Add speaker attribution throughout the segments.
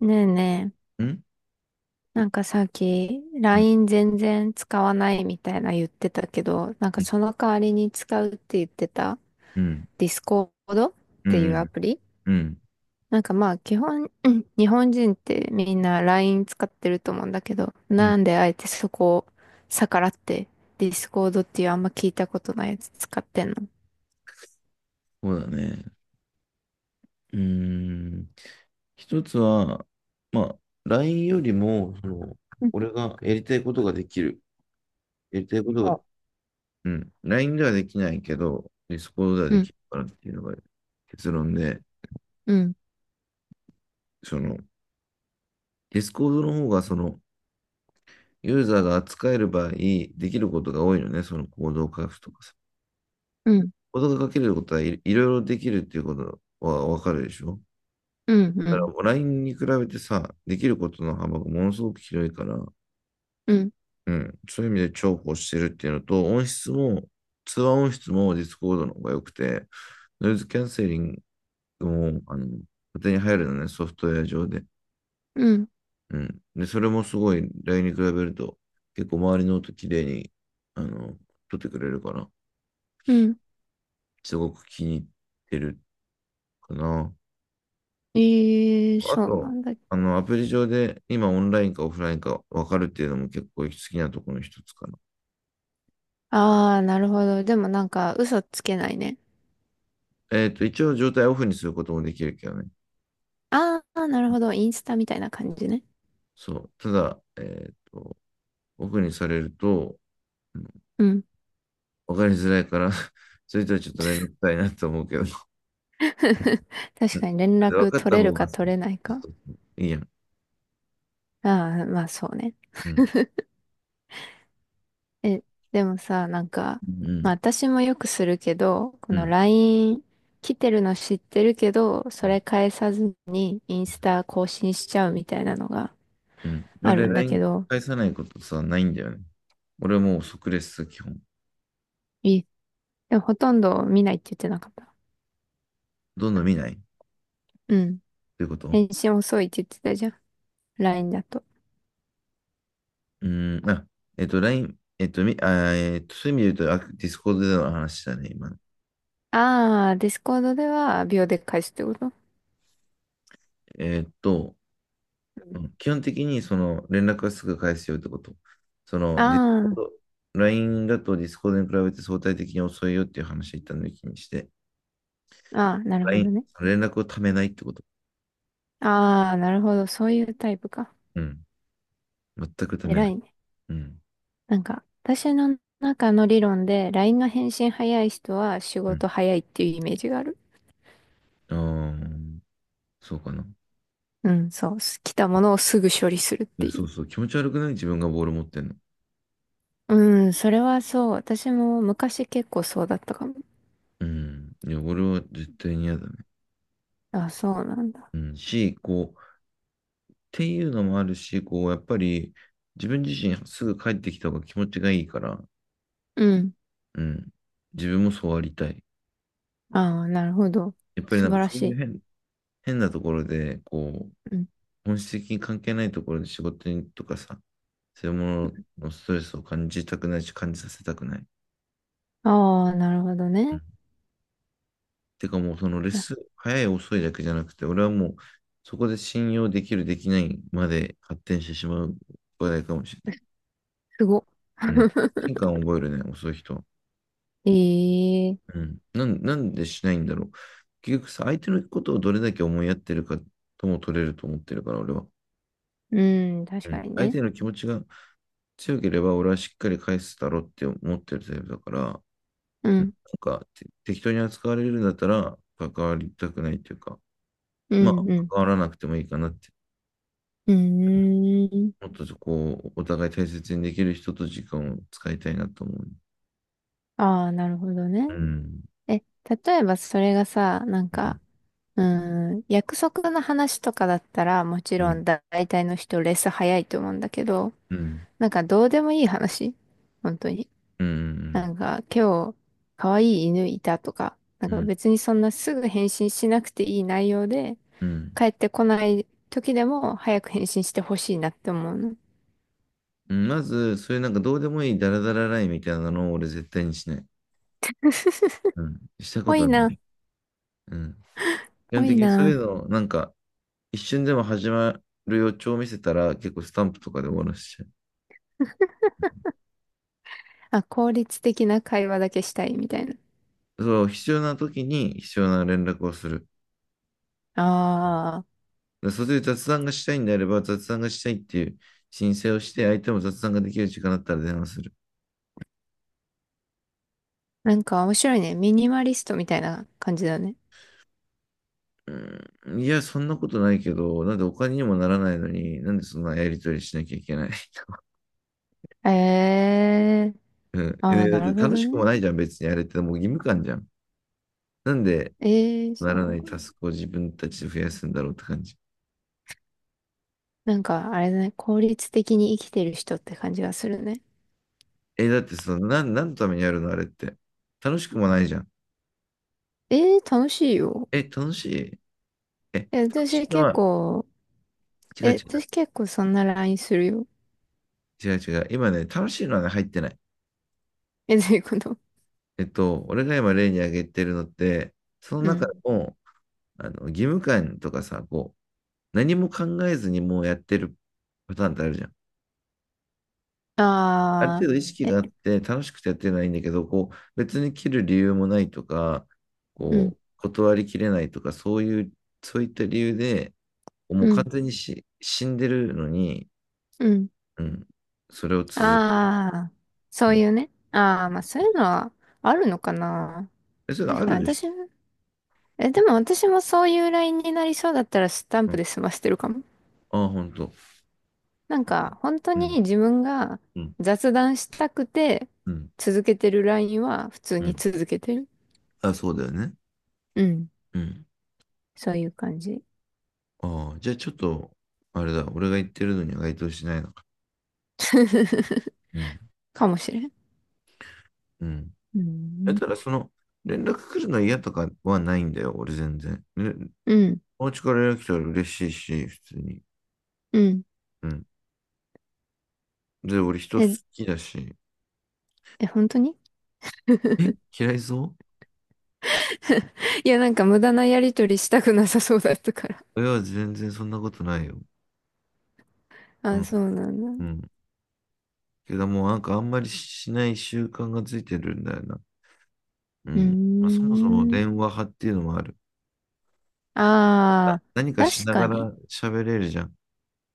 Speaker 1: ねえね
Speaker 2: うん、
Speaker 1: え、なんかさっき
Speaker 2: うん、
Speaker 1: LINE 全然使わないみたいな言ってたけど、なんかその代わりに使うって言ってた
Speaker 2: うん、
Speaker 1: Discord っ
Speaker 2: う
Speaker 1: て
Speaker 2: ん、
Speaker 1: いうアプリ、
Speaker 2: うん、うん、
Speaker 1: なんかまあ基本、うん、日本人ってみんな LINE 使ってると思うんだけど、
Speaker 2: う
Speaker 1: な
Speaker 2: ん
Speaker 1: んであえてそこを逆らって Discord っていうあんま聞いたことないやつ使ってんの？
Speaker 2: そうだね。うーん。一つは、まあ、LINE よりも、
Speaker 1: うん。
Speaker 2: 俺がやりたいことができる。やりたいことが、
Speaker 1: そ
Speaker 2: うん、LINE ではできないけど、Discord では
Speaker 1: う。う
Speaker 2: でき
Speaker 1: ん、
Speaker 2: るからっていうのが結論で、
Speaker 1: うん、
Speaker 2: その、Discord の方が、ユーザーが扱える場合、できることが多いのね、その行動を書くとかさ。
Speaker 1: うん、
Speaker 2: 行動が書けること、はい、いろいろできるっていうことはわかるでしょ
Speaker 1: うん、う
Speaker 2: だから
Speaker 1: ん、
Speaker 2: もう LINE に比べてさ、できることの幅がものすごく広いから、
Speaker 1: うん、
Speaker 2: うん、そういう意味で重宝してるっていうのと、音質も、通話音質もディスコードの方が良くて、ノイズキャンセリングも、勝手に入るのね、ソフトウェア上で。
Speaker 1: うん、
Speaker 2: うん。で、それもすごい、LINE に比べると、結構周りの音綺麗に、あの、撮ってくれるから、
Speaker 1: うん。
Speaker 2: すごく気に入ってるかな。
Speaker 1: ええ、
Speaker 2: あ
Speaker 1: そうな
Speaker 2: と、
Speaker 1: んだ。
Speaker 2: アプリ上で今オンラインかオフラインか分かるっていうのも結構好きなところの一つかな。
Speaker 1: ああ、なるほど。でもなんか嘘つけないね。
Speaker 2: 一応状態をオフにすることもできるけどね。
Speaker 1: ああ、なるほど。インスタみたいな感じね。
Speaker 2: そう。ただ、オフにされると、うん、
Speaker 1: うん。
Speaker 2: わかりづらいから、 それとはちょっとめんどくさいなと思うけど。
Speaker 1: 確
Speaker 2: うん、
Speaker 1: かに連
Speaker 2: わ
Speaker 1: 絡
Speaker 2: かっ
Speaker 1: 取
Speaker 2: た
Speaker 1: れる
Speaker 2: 方
Speaker 1: か
Speaker 2: がさ、
Speaker 1: 取れないか。
Speaker 2: そうそう、いいやん。
Speaker 1: ああ、まあそうね。
Speaker 2: うん。
Speaker 1: え、でもさ、なんか、
Speaker 2: う
Speaker 1: ま
Speaker 2: ん。
Speaker 1: あ私もよくするけど、こ
Speaker 2: う
Speaker 1: の
Speaker 2: ん。
Speaker 1: LINE 来てるの知ってるけど、
Speaker 2: う
Speaker 1: そ
Speaker 2: ん。
Speaker 1: れ返さずにインスタ更新しちゃうみたいなのが
Speaker 2: うん、
Speaker 1: ある
Speaker 2: 俺、
Speaker 1: んだけ
Speaker 2: LINE
Speaker 1: ど、
Speaker 2: 返さないことさ、ないんだよね。俺はもう即レス、基本。
Speaker 1: え、でもほとんど見ないって言ってなかった？
Speaker 2: どんどん見ない
Speaker 1: うん。
Speaker 2: ということ。
Speaker 1: 返信遅いって言ってたじゃん。LINE だと。
Speaker 2: うーん。あ、えっと、ラインえっと、み、あー、えっと、そういう意味で言うと、あ、ディスコードでの話だね、今。
Speaker 1: ああ、ディスコードでは秒で返すってこと？
Speaker 2: えっと、
Speaker 1: う
Speaker 2: う
Speaker 1: ん。
Speaker 2: ん、基本的にその連絡はすぐ返すよってこと。その、ディスコー
Speaker 1: あ
Speaker 2: ド、LINE だとディスコードに比べて相対的に遅いよっていう話を一旦抜きにして、
Speaker 1: あ、ああ、なるほど
Speaker 2: LINE、
Speaker 1: ね。
Speaker 2: 連絡をためないってこと。
Speaker 1: ああ、なるほど。そういうタイプか。
Speaker 2: うん。全くため
Speaker 1: 偉
Speaker 2: ない。
Speaker 1: いね。
Speaker 2: うん。
Speaker 1: なんか、私の中の理論で、LINE の返信早い人は仕
Speaker 2: うん。
Speaker 1: 事早いっていうイメージがある。
Speaker 2: ああ、そうかな。
Speaker 1: うん、そう。来たものをすぐ処理するっ
Speaker 2: い
Speaker 1: て
Speaker 2: や、
Speaker 1: いう。
Speaker 2: そうそう。気持ち悪くない、自分がボール持ってんの。
Speaker 1: うん、それはそう。私も昔結構そうだったかも。
Speaker 2: うん。いや、俺は絶対に嫌だね。
Speaker 1: あ、そうなんだ。
Speaker 2: うん。し、こう、っていうのもあるし、やっぱり、自分自身すぐ帰ってきた方が気持ちがいいから、
Speaker 1: うん。
Speaker 2: うん。自分もそうありたい。
Speaker 1: ああ、なるほど。
Speaker 2: やっぱり
Speaker 1: 素
Speaker 2: なん
Speaker 1: 晴
Speaker 2: か
Speaker 1: ら
Speaker 2: そう
Speaker 1: し
Speaker 2: いう
Speaker 1: い。
Speaker 2: 変、変なところで、
Speaker 1: うん。
Speaker 2: 本質的に関係ないところで仕事にとかさ、そういうもののストレスを感じたくないし、感じさせたくない。
Speaker 1: ああ、なるほど
Speaker 2: う
Speaker 1: ね。
Speaker 2: ん、てかもうそのレッ
Speaker 1: あ、
Speaker 2: スン、早い遅いだけじゃなくて、俺はもうそこで信用できる、できないまで発展してしまう話題かもしれな
Speaker 1: すごっ。
Speaker 2: い。うん。変化を覚えるね、遅い人は。
Speaker 1: ええ、
Speaker 2: うん。なんでしないんだろう。結局さ、相手のことをどれだけ思いやってるかとも取れると思ってるから、俺は。
Speaker 1: うん、確
Speaker 2: う
Speaker 1: か
Speaker 2: ん。
Speaker 1: に
Speaker 2: 相
Speaker 1: ね。
Speaker 2: 手の気持ちが強ければ俺はしっかり返すだろうって思ってるタイプだから、うん、
Speaker 1: う
Speaker 2: な
Speaker 1: ん、
Speaker 2: んかて適当に扱われるんだったら関わりたくないというか、
Speaker 1: う
Speaker 2: まあ
Speaker 1: ん、うん。
Speaker 2: 関わらなくてもいいかなって。
Speaker 1: う
Speaker 2: うん、
Speaker 1: ーん。
Speaker 2: もっとそこをお互い大切にできる人と時間を使いたいなと思う。
Speaker 1: ああ、なるほどね。
Speaker 2: うん、
Speaker 1: え、例えばそれがさ、なん
Speaker 2: う
Speaker 1: か、
Speaker 2: ん、
Speaker 1: うーん、約束の話とかだったら、もち
Speaker 2: う
Speaker 1: ろ
Speaker 2: ん、
Speaker 1: ん大体の人レス早いと思うんだけど、
Speaker 2: うん、
Speaker 1: なんかどうでもいい話、本当に。
Speaker 2: う
Speaker 1: な
Speaker 2: ん、
Speaker 1: んか、今日、可愛い犬いたとか、な
Speaker 2: う
Speaker 1: んか
Speaker 2: ん、
Speaker 1: 別にそんなすぐ返信しなくていい内容で、
Speaker 2: うん。
Speaker 1: 帰ってこない時でも早く返信してほしいなって思うの。
Speaker 2: うん、まず、そういうなんかどうでもいいダラダララインみたいなのを俺絶対にしない。うん、したこ
Speaker 1: 多い
Speaker 2: とな
Speaker 1: な。
Speaker 2: い。うん。基
Speaker 1: 多
Speaker 2: 本
Speaker 1: い
Speaker 2: 的にそうい
Speaker 1: な。
Speaker 2: うのをなんか一瞬でも始まる予兆を見せたら、結構スタンプとかで終わらせちゃ
Speaker 1: あ、効率的な会話だけしたいみたいな。
Speaker 2: う。そう、必要な時に必要な連絡をする。
Speaker 1: ああ、
Speaker 2: でそれで雑談がしたいんであれば、雑談がしたいっていう申請をして、相手も雑談ができる時間だったら電話する。
Speaker 1: なんか面白いね。ミニマリストみたいな感じだね。
Speaker 2: うん、いや、そんなことないけど、なんでお金にもならないのに、なんでそんなやりとりしなきゃいけない。
Speaker 1: ええー。
Speaker 2: うん。
Speaker 1: ああ、
Speaker 2: え、だっ
Speaker 1: な
Speaker 2: て
Speaker 1: るほ
Speaker 2: 楽
Speaker 1: ど
Speaker 2: しくも
Speaker 1: ね。
Speaker 2: ないじゃん、別にあれってもう義務感じゃん。なんで
Speaker 1: ええー、そ
Speaker 2: な
Speaker 1: うな
Speaker 2: ら
Speaker 1: の
Speaker 2: ない
Speaker 1: か
Speaker 2: タ
Speaker 1: な。
Speaker 2: スクを自分たちで増やすんだろうって感じ。
Speaker 1: なんか、あれだね。効率的に生きてる人って感じがするね。
Speaker 2: え、だってその、何のためにやるのあれって。楽しくもないじゃん。
Speaker 1: ええー、楽しいよ。
Speaker 2: え、楽しい。え、楽
Speaker 1: え、
Speaker 2: し
Speaker 1: 私
Speaker 2: いの
Speaker 1: 結
Speaker 2: は、
Speaker 1: 構、
Speaker 2: 違う違
Speaker 1: え、私
Speaker 2: う、
Speaker 1: 結構そんな LINE するよ。
Speaker 2: 違う違う。今ね、楽しいのはね、入ってない。
Speaker 1: え、どういうこと？
Speaker 2: えっと、俺が今例に挙げてるのって、その
Speaker 1: う
Speaker 2: 中
Speaker 1: ん。
Speaker 2: の、義務感とかさ、何も考えずにもうやってるパターンってあるじゃん。ある程
Speaker 1: あ
Speaker 2: 度意識
Speaker 1: あ、え、
Speaker 2: があって、楽しくてやってないんだけど、別に切る理由もないとか、
Speaker 1: うん、
Speaker 2: 断りきれないとか、そういう、そういった理由で、も
Speaker 1: う
Speaker 2: う完
Speaker 1: ん、
Speaker 2: 全にし、死んでるのに、
Speaker 1: うん。
Speaker 2: うん、それを続ける。
Speaker 1: ああ、そ
Speaker 2: う
Speaker 1: う
Speaker 2: ん、
Speaker 1: いうね。ああ、まあそういうのはあるのかな。
Speaker 2: え、それあ
Speaker 1: 確
Speaker 2: る
Speaker 1: かに
Speaker 2: でし
Speaker 1: 私、
Speaker 2: ょ
Speaker 1: え、でも私もそういうラインになりそうだったらスタン
Speaker 2: う。
Speaker 1: プ
Speaker 2: ん、
Speaker 1: で済ましてるかも。
Speaker 2: ああ、ほんと。
Speaker 1: なんか本当
Speaker 2: うん、
Speaker 1: に自分が
Speaker 2: うん、
Speaker 1: 雑談したくて
Speaker 2: うん、
Speaker 1: 続けてるラインは普通
Speaker 2: う
Speaker 1: に
Speaker 2: ん。
Speaker 1: 続けてる。
Speaker 2: あ、そうだよね。
Speaker 1: うん。
Speaker 2: うん。
Speaker 1: そういう感じ。
Speaker 2: ああ、じゃあちょっと、あれだ、俺が言ってるのには該当しないのか。うん、
Speaker 1: かもしれん。
Speaker 2: うん。
Speaker 1: う
Speaker 2: だっ
Speaker 1: ん。
Speaker 2: たら、連絡来るの嫌とかはないんだよ、俺全然。ね、
Speaker 1: うん。
Speaker 2: お家から連絡来たら嬉しいし、普通に。
Speaker 1: うん。
Speaker 2: うん。で、俺人好
Speaker 1: え、
Speaker 2: きだし。
Speaker 1: え、本当に？
Speaker 2: え、嫌いそ
Speaker 1: いや、なんか無駄なやりとりしたくなさそうだったから。
Speaker 2: ういや、全然そんなことないよ。う
Speaker 1: あ、
Speaker 2: ん、
Speaker 1: そうなん
Speaker 2: う
Speaker 1: だ。
Speaker 2: ん。けどもうなんかあんまりしない習慣がついてるんだよな。う
Speaker 1: うー
Speaker 2: ん。まあ、そもそも
Speaker 1: ん。
Speaker 2: 電話派っていうのもある。
Speaker 1: ああ、
Speaker 2: 何かし
Speaker 1: 確
Speaker 2: な
Speaker 1: か
Speaker 2: が
Speaker 1: に。
Speaker 2: ら喋れるじゃん。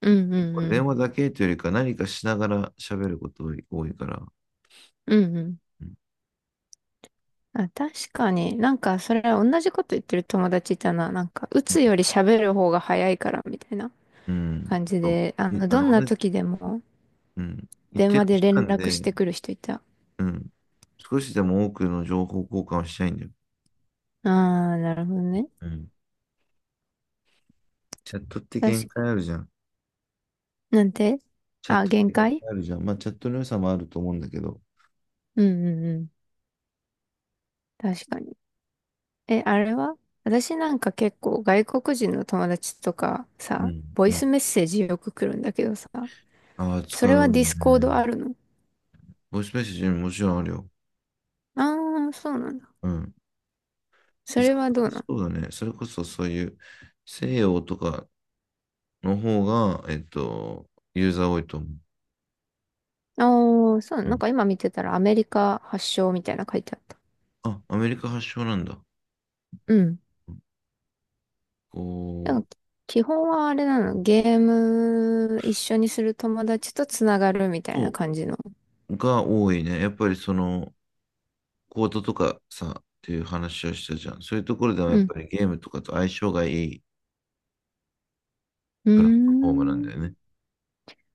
Speaker 1: うんうんう
Speaker 2: 電
Speaker 1: ん。
Speaker 2: 話だけというよりか何かしながら喋ることが多いから。
Speaker 1: うんうん。
Speaker 2: うん。
Speaker 1: あ、確かに。なんか、それ同じこと言ってる友達いたな。なんか、打つより喋る方が早いから、みたいな
Speaker 2: うん、
Speaker 1: 感じ
Speaker 2: そ
Speaker 1: で、
Speaker 2: ういあ
Speaker 1: どん
Speaker 2: の、
Speaker 1: な
Speaker 2: 同じ、
Speaker 1: 時でも
Speaker 2: うん。一
Speaker 1: 電
Speaker 2: 定の
Speaker 1: 話で
Speaker 2: 時
Speaker 1: 連
Speaker 2: 間
Speaker 1: 絡し
Speaker 2: で、
Speaker 1: てくる人いた。あ
Speaker 2: うん。少しでも多くの情報交換をしたいんだよ。
Speaker 1: あ、なるほどね。
Speaker 2: うん。チャットって
Speaker 1: 確
Speaker 2: 限
Speaker 1: かに。
Speaker 2: 界あるじゃん。
Speaker 1: なんて、
Speaker 2: チャッ
Speaker 1: あ、
Speaker 2: トっ
Speaker 1: 限
Speaker 2: て限
Speaker 1: 界。
Speaker 2: 界あるじゃん。まあ、チャットの良さもあると思うんだけど。
Speaker 1: うんうんうん。確かに。え、あれは私なんか結構外国人の友達とか
Speaker 2: う
Speaker 1: さ、
Speaker 2: ん。
Speaker 1: ボ
Speaker 2: う
Speaker 1: イ
Speaker 2: ん。
Speaker 1: スメッセージよく来るんだけどさ、
Speaker 2: ああ、
Speaker 1: そ
Speaker 2: 使
Speaker 1: れ
Speaker 2: う
Speaker 1: は
Speaker 2: よ
Speaker 1: ディ
Speaker 2: ね。
Speaker 1: スコードあるの？
Speaker 2: ボイスメッセージももちろんあるよ。
Speaker 1: ああ、そうなんだ。
Speaker 2: うん。
Speaker 1: それはどう
Speaker 2: 忙
Speaker 1: な
Speaker 2: し
Speaker 1: の？
Speaker 2: そうだね。それこそそういう西洋とかの方が、ユーザー多いと思う。
Speaker 1: ああー、そうな
Speaker 2: う
Speaker 1: の。なん
Speaker 2: ん、
Speaker 1: か今見てたらアメリカ発祥みたいな書いてあった。
Speaker 2: あ、アメリカ発祥なんだ。
Speaker 1: うん。
Speaker 2: こ
Speaker 1: なん
Speaker 2: う、
Speaker 1: か基本はあれなの？ゲーム一緒にする友達とつながるみたいな
Speaker 2: そ
Speaker 1: 感じの？
Speaker 2: う、が多いね。やっぱりその、コートとかさ、っていう話をしたじゃん。そういうところではや
Speaker 1: う
Speaker 2: っ
Speaker 1: ん。
Speaker 2: ぱりゲームとかと相性がいい
Speaker 1: うー
Speaker 2: プラットフォームなんだ
Speaker 1: ん。
Speaker 2: よね。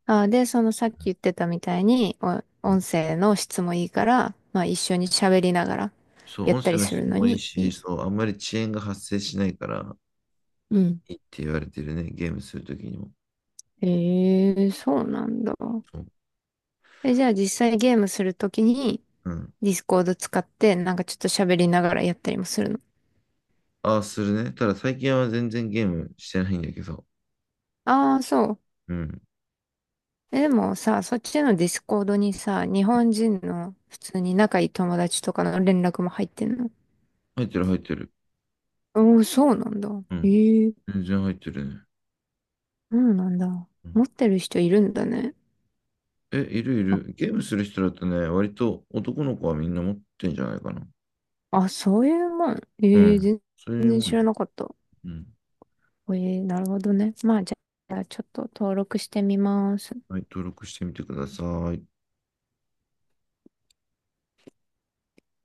Speaker 1: あー、で、そのさっき言ってたみたいに、お
Speaker 2: うん、
Speaker 1: 音声の質もいいから、まあ一緒に喋りながら
Speaker 2: そう、
Speaker 1: やっ
Speaker 2: 音
Speaker 1: た
Speaker 2: 声
Speaker 1: り
Speaker 2: の
Speaker 1: する
Speaker 2: 質
Speaker 1: の
Speaker 2: もいい
Speaker 1: にい
Speaker 2: し、
Speaker 1: い。
Speaker 2: そう、あんまり遅延が発生しないから、
Speaker 1: うん。
Speaker 2: いいって言われてるね、ゲームするときにも。
Speaker 1: ええ、そうなんだ。
Speaker 2: そう、
Speaker 1: え、じゃあ実際ゲームするときに、
Speaker 2: うん。
Speaker 1: ディスコード使って、なんかちょっと喋りながらやったりもするの？
Speaker 2: ああ、するね。ただ最近は全然ゲームしてないんだけど。
Speaker 1: ああ、そう。
Speaker 2: うん。
Speaker 1: え、でもさ、そっちのディスコードにさ、日本人の普通に仲いい友達とかの連絡も入ってんの？
Speaker 2: 入ってる入ってる。
Speaker 1: おおー、そうなんだ。
Speaker 2: うん。
Speaker 1: ええ、
Speaker 2: 全然入ってるね。
Speaker 1: そうなんだ。
Speaker 2: う
Speaker 1: 持
Speaker 2: ん、
Speaker 1: ってる人いるんだね。
Speaker 2: え、いるい
Speaker 1: あ、
Speaker 2: る。ゲームする人だとね、割と男の子はみんな持ってんじゃないかな。
Speaker 1: あ、そういうもん？
Speaker 2: う
Speaker 1: ええ、
Speaker 2: ん。
Speaker 1: 全
Speaker 2: それ
Speaker 1: 然
Speaker 2: もん
Speaker 1: 知
Speaker 2: や。
Speaker 1: らなかった。
Speaker 2: うん。
Speaker 1: ええ、なるほどね。まあ、じゃあちょっと登録してみます。
Speaker 2: はい、登録してみてください。